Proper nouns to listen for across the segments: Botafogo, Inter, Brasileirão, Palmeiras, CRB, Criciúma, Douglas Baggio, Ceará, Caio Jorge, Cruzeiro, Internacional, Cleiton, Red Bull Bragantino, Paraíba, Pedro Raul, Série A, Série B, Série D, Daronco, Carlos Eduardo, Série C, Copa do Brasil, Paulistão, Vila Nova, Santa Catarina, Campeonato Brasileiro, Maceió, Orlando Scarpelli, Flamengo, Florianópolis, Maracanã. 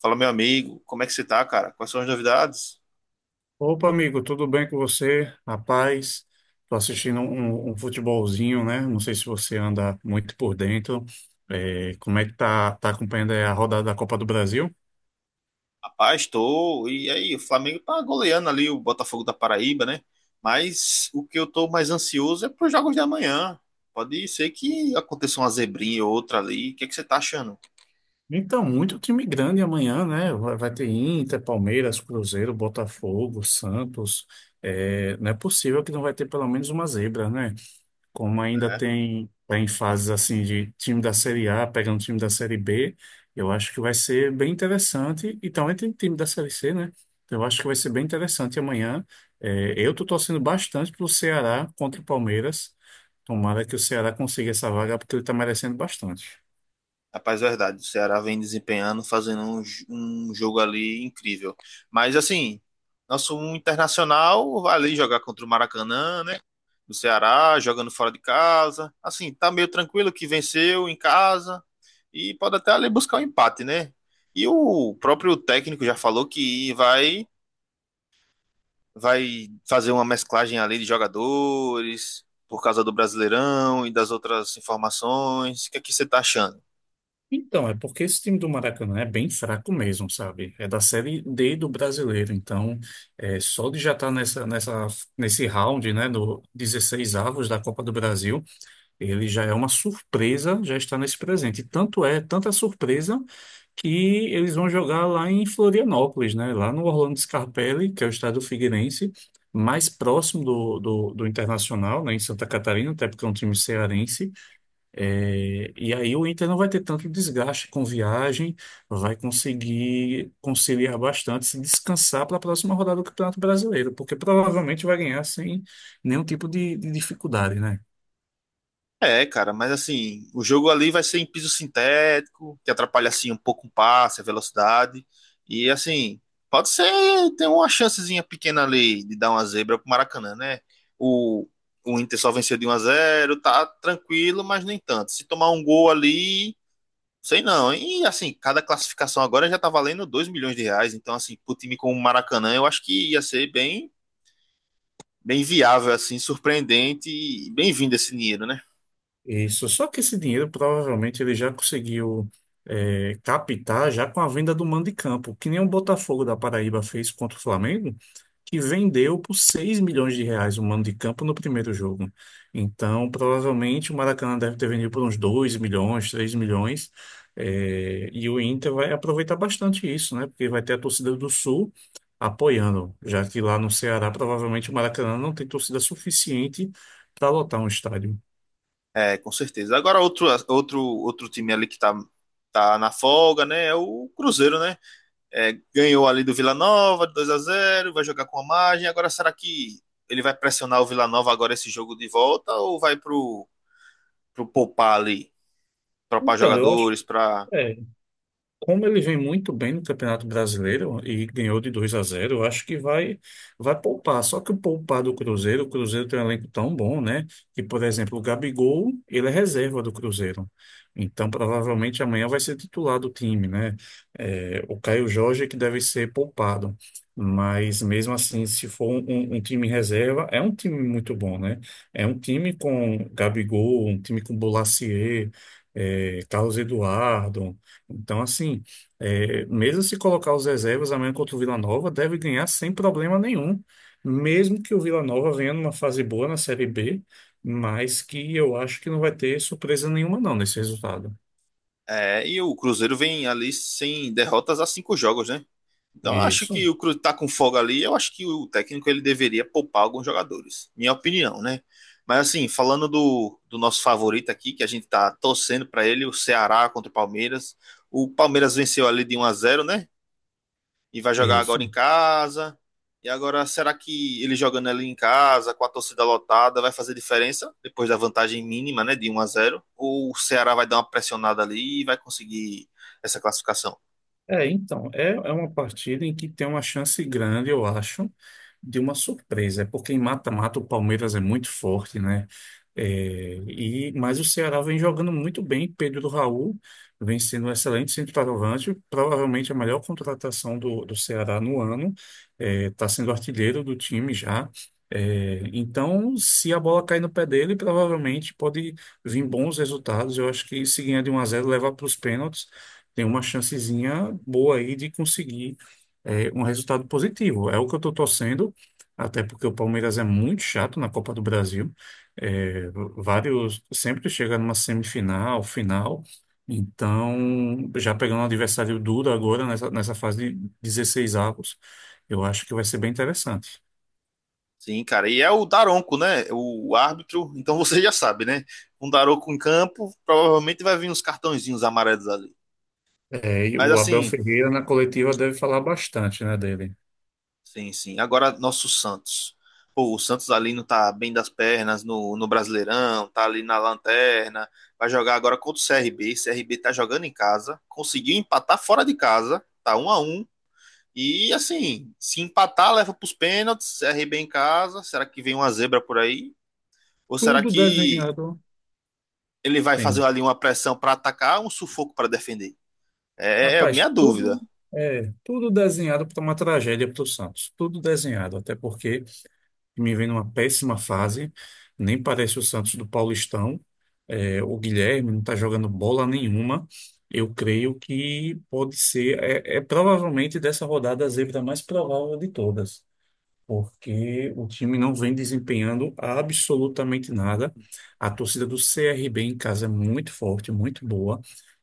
Fala, meu amigo, como é que você tá, cara? Quais são as novidades? Opa, amigo, tudo bem com você? Rapaz, tô assistindo um futebolzinho, né? Não sei se você anda muito por dentro. É, como é que tá acompanhando aí a rodada da Copa do Brasil? Rapaz, tô. E aí, o Flamengo tá goleando ali o Botafogo da Paraíba, né? Mas o que eu tô mais ansioso é pros jogos de amanhã. Pode ser que aconteça uma zebrinha ou outra ali. O que é que você tá achando? Então, muito time grande amanhã, né? Vai ter Inter, Palmeiras, Cruzeiro, Botafogo, Santos. É, não é possível que não vai ter pelo menos uma zebra, né? Como ainda tem, tá em fases assim de time da Série A pegando time da Série B, eu acho que vai ser bem interessante. E também tem time da Série C, né? Então, eu acho que vai ser bem interessante amanhã. É, eu tô torcendo bastante pro Ceará contra o Palmeiras. Tomara que o Ceará consiga essa vaga, porque ele tá merecendo bastante. Rapaz, é verdade. O Ceará vem desempenhando, fazendo um jogo ali incrível. Mas, assim, nosso internacional vai ali jogar contra o Maracanã, né? Do Ceará, jogando fora de casa. Assim, tá meio tranquilo que venceu em casa e pode até ali buscar um empate, né? E o próprio técnico já falou que vai fazer uma mesclagem ali de jogadores por causa do Brasileirão e das outras informações. O que é que você tá achando? Então, é porque esse time do Maracanã é bem fraco mesmo, sabe? É da Série D do brasileiro, então só de já estar nesse round, né, do 16 avos da Copa do Brasil, ele já é uma surpresa, já está nesse presente. Tanto é, tanta surpresa, que eles vão jogar lá em Florianópolis, né? Lá no Orlando Scarpelli, que é o estádio figueirense, mais próximo do Internacional, né? Em Santa Catarina, até porque é um time cearense. É, e aí o Inter não vai ter tanto desgaste com viagem, vai conseguir conciliar bastante, se descansar para a próxima rodada do Campeonato Brasileiro, porque provavelmente vai ganhar sem nenhum tipo de dificuldade, né? É, cara, mas assim, o jogo ali vai ser em piso sintético, que atrapalha assim um pouco o passe, a velocidade. E assim, pode ser ter uma chancezinha pequena ali de dar uma zebra pro Maracanã, né? O, o Inter só venceu de 1-0, tá tranquilo, mas nem tanto. Se tomar um gol ali, sei não. E assim, cada classificação agora já tá valendo 2 milhões de reais, então assim, pro time como o Maracanã, eu acho que ia ser bem bem viável assim, surpreendente e bem-vindo esse dinheiro, né? Isso, só que esse dinheiro provavelmente ele já conseguiu captar já com a venda do mando de campo, que nem o Botafogo da Paraíba fez contra o Flamengo, que vendeu por 6 milhões de reais o mando de campo no primeiro jogo. Então, provavelmente o Maracanã deve ter vendido por uns 2 milhões, 3 milhões, e o Inter vai aproveitar bastante isso, né? Porque vai ter a torcida do Sul apoiando, já que lá no Ceará provavelmente o Maracanã não tem torcida suficiente para lotar um estádio. É, com certeza. Agora, outro time ali que tá, tá na folga, né? É o Cruzeiro, né? É, ganhou ali do Vila Nova, 2-0 vai jogar com a margem. Agora, será que ele vai pressionar o Vila Nova agora esse jogo de volta ou vai pro, pro poupar ali, poupar Então, eu jogadores, pra. É, como ele vem muito bem no Campeonato Brasileiro e ganhou de 2-0, eu acho que vai poupar. Só que o poupar do Cruzeiro, o Cruzeiro tem um elenco tão bom, né? Que, por exemplo, o Gabigol, ele é reserva do Cruzeiro. Então, provavelmente amanhã vai ser titular do time, né? É, o Caio Jorge é que deve ser poupado. Mas mesmo assim, se for um time reserva, é um time muito bom, né? É um time com Gabigol, um time com Bolasie, Carlos Eduardo. Então, assim, mesmo se colocar os reservas amanhã contra o Vila Nova, deve ganhar sem problema nenhum. Mesmo que o Vila Nova venha numa fase boa na Série B, mas que eu acho que não vai ter surpresa nenhuma, não, nesse resultado. É, e o Cruzeiro vem ali sem derrotas há 5 jogos, né? Então, eu acho Isso, que o Cruzeiro está com folga ali. Eu acho que o técnico ele deveria poupar alguns jogadores. Minha opinião, né? Mas assim, falando do nosso favorito aqui, que a gente tá torcendo para ele, o Ceará contra o Palmeiras. O Palmeiras venceu ali de 1-0, né? E vai jogar agora isso. em casa. E agora, será que ele jogando ali em casa, com a torcida lotada, vai fazer diferença depois da vantagem mínima, né, de 1-0? Ou o Ceará vai dar uma pressionada ali e vai conseguir essa classificação? Então, uma partida em que tem uma chance grande, eu acho, de uma surpresa. É porque em mata-mata o Palmeiras é muito forte, né? É, mas o Ceará vem jogando muito bem. Pedro Raul vem sendo um excelente centroavante, provavelmente a melhor contratação do Ceará no ano. Está sendo artilheiro do time já. Então, se a bola cair no pé dele, provavelmente pode vir bons resultados. Eu acho que se ganhar de 1-0 levar para os pênaltis tem uma chancezinha boa aí de conseguir um resultado positivo. É o que eu estou torcendo, até porque o Palmeiras é muito chato na Copa do Brasil. É, Vários sempre chega numa semifinal, final. Então, já pegando um adversário duro agora nessa fase de 16 avos, eu acho que vai ser bem interessante. Sim, cara. E é o Daronco, né? O árbitro. Então você já sabe, né? Um Daronco em campo, provavelmente vai vir uns cartõezinhos amarelos ali. E Mas o Abel assim, Ferreira na coletiva deve falar bastante, né, dele. sim, sim. Agora nosso Santos. Pô, o Santos ali não tá bem das pernas no Brasileirão, tá ali na lanterna. Vai jogar agora contra o CRB. CRB tá jogando em casa, conseguiu empatar fora de casa, tá 1-1. E assim, se empatar, leva pros pênaltis, CRB em casa. Será que vem uma zebra por aí? Ou será Tudo que desenhado. ele vai fazer Sim. ali uma pressão para atacar, um sufoco para defender. É Rapaz, minha dúvida. Tudo desenhado para uma tragédia para o Santos. Tudo desenhado, até porque me vem numa péssima fase. Nem parece o Santos do Paulistão. O Guilherme não está jogando bola nenhuma. Eu creio que pode ser, provavelmente dessa rodada a zebra mais provável de todas porque o time não vem desempenhando absolutamente nada. A torcida do CRB em casa é muito forte, muito boa.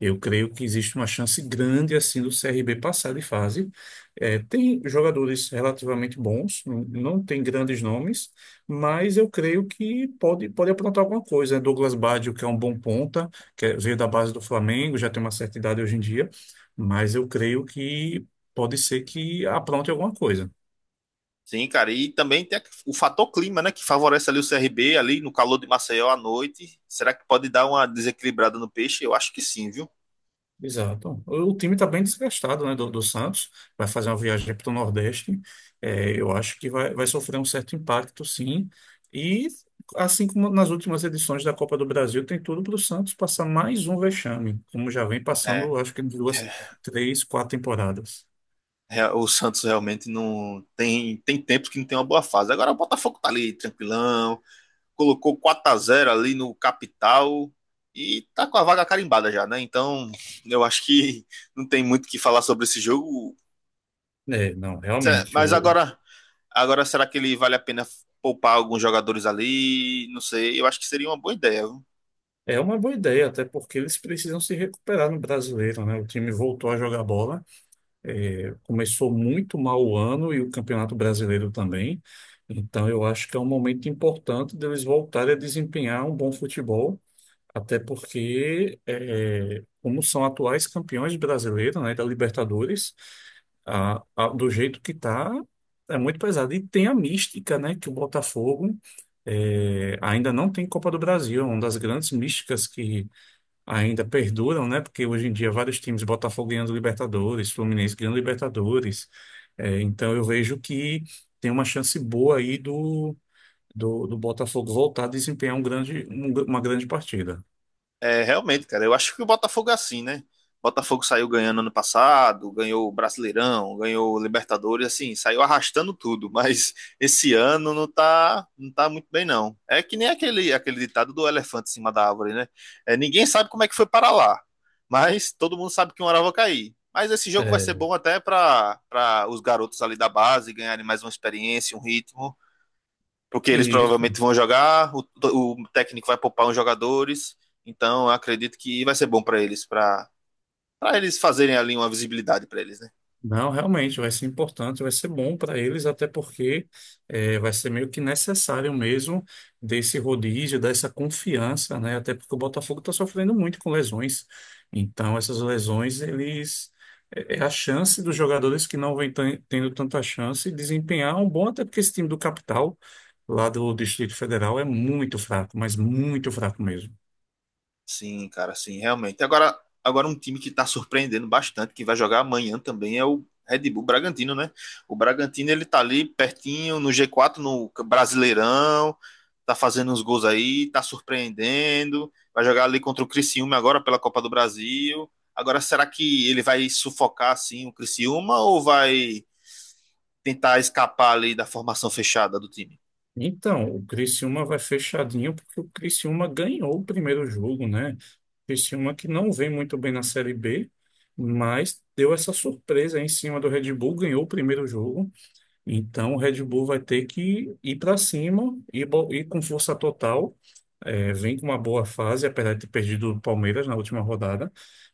Eu creio que existe uma chance grande assim do CRB passar de fase. Tem jogadores relativamente bons, não tem grandes nomes, mas eu creio que pode aprontar alguma coisa. Douglas Baggio, que é um bom ponta, veio da base do Flamengo, já tem uma certa idade hoje em dia, mas eu creio que pode ser que apronte alguma coisa. Sim, cara, e também tem o fator clima, né, que favorece ali o CRB ali no calor de Maceió à noite. Será que pode dar uma desequilibrada no peixe? Eu acho que sim, viu? Exato. O time está bem desgastado, né, do Santos. Vai fazer uma viagem para o Nordeste. Eu acho que vai sofrer um certo impacto, sim. E, assim como nas últimas edições da Copa do Brasil, tem tudo para o Santos passar mais um vexame, como já vem É, passando, acho que duas, é três, quatro temporadas. O Santos realmente não tem tempos que não tem uma boa fase. Agora o Botafogo tá ali tranquilão, colocou 4-0 ali no capital e tá com a vaga carimbada já, né? Então, eu acho que não tem muito o que falar sobre esse jogo. É, não, realmente. Mas agora, Agora, será que ele vale a pena poupar alguns jogadores ali? Não sei. Eu acho que seria uma boa ideia, viu? É uma boa ideia, até porque eles precisam se recuperar no brasileiro, né? O time voltou a jogar bola. Começou muito mal o ano e o Campeonato Brasileiro também. Então, eu acho que é um momento importante deles voltarem a desempenhar um bom futebol, até porque, como são atuais campeões brasileiros, né, da Libertadores, do jeito que está, é muito pesado. E tem a mística, né, que o Botafogo ainda não tem Copa do Brasil, é uma das grandes místicas que ainda perduram, né? Porque hoje em dia vários times, Botafogo ganhando Libertadores, Fluminense ganhando Libertadores. Então eu vejo que tem uma chance boa aí do Botafogo voltar a desempenhar uma grande partida. É, realmente, cara. Eu acho que o Botafogo é assim, né? Botafogo saiu ganhando ano passado, ganhou o Brasileirão, ganhou o Libertadores, assim, saiu arrastando tudo, mas esse ano não tá, não tá muito bem, não. É que nem aquele ditado do elefante em cima da árvore, né? É, ninguém sabe como é que foi para lá, mas todo mundo sabe que uma hora vai cair. Mas esse jogo vai ser É, bom até para os garotos ali da base ganharem mais uma experiência, um ritmo. Porque eles Isso. provavelmente vão jogar, o técnico vai poupar uns jogadores, então eu acredito que vai ser bom para eles fazerem ali uma visibilidade para eles, né? Não, realmente vai ser importante, vai ser bom para eles, até porque vai ser meio que necessário mesmo desse rodízio, dessa confiança, né? Até porque o Botafogo está sofrendo muito com lesões. Então, essas lesões, eles é é a chance dos jogadores que não vêm tendo tanta chance de desempenhar um bom, até porque esse time do capital, lá do Distrito Federal, é muito fraco, mas muito fraco mesmo. Sim, cara, sim, realmente. Agora, um time que está surpreendendo bastante, que vai jogar amanhã também, é o Red Bull Bragantino, né? O Bragantino, ele tá ali pertinho no G4, no Brasileirão, tá fazendo uns gols aí, tá surpreendendo, vai jogar ali contra o Criciúma agora pela Copa do Brasil. Agora, será que ele vai sufocar, assim, o Criciúma ou vai tentar escapar ali da formação fechada do time? Então, o Criciúma vai fechadinho porque o Criciúma ganhou o primeiro jogo, né? O Criciúma que não vem muito bem na Série B, mas deu essa surpresa aí em cima do Red Bull, ganhou o primeiro jogo. Então, o Red Bull vai ter que ir para cima e ir com força total. É, vem com uma boa fase, apesar de ter perdido o Palmeiras na última rodada,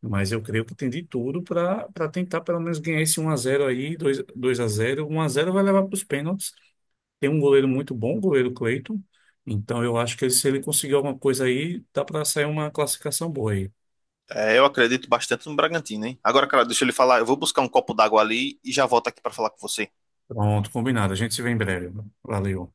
mas eu creio que tem de tudo para tentar pelo menos ganhar esse 1-0 aí, dois a zero, 1-0 vai levar para os pênaltis. Tem um goleiro muito bom, o goleiro Cleiton. Então eu acho que se ele conseguir alguma coisa aí, dá para sair uma classificação boa aí. É, eu acredito bastante no Bragantino, hein? Agora, cara, deixa ele falar. Eu vou buscar um copo d'água ali e já volto aqui pra falar com você. Pronto, combinado. A gente se vê em breve. Valeu.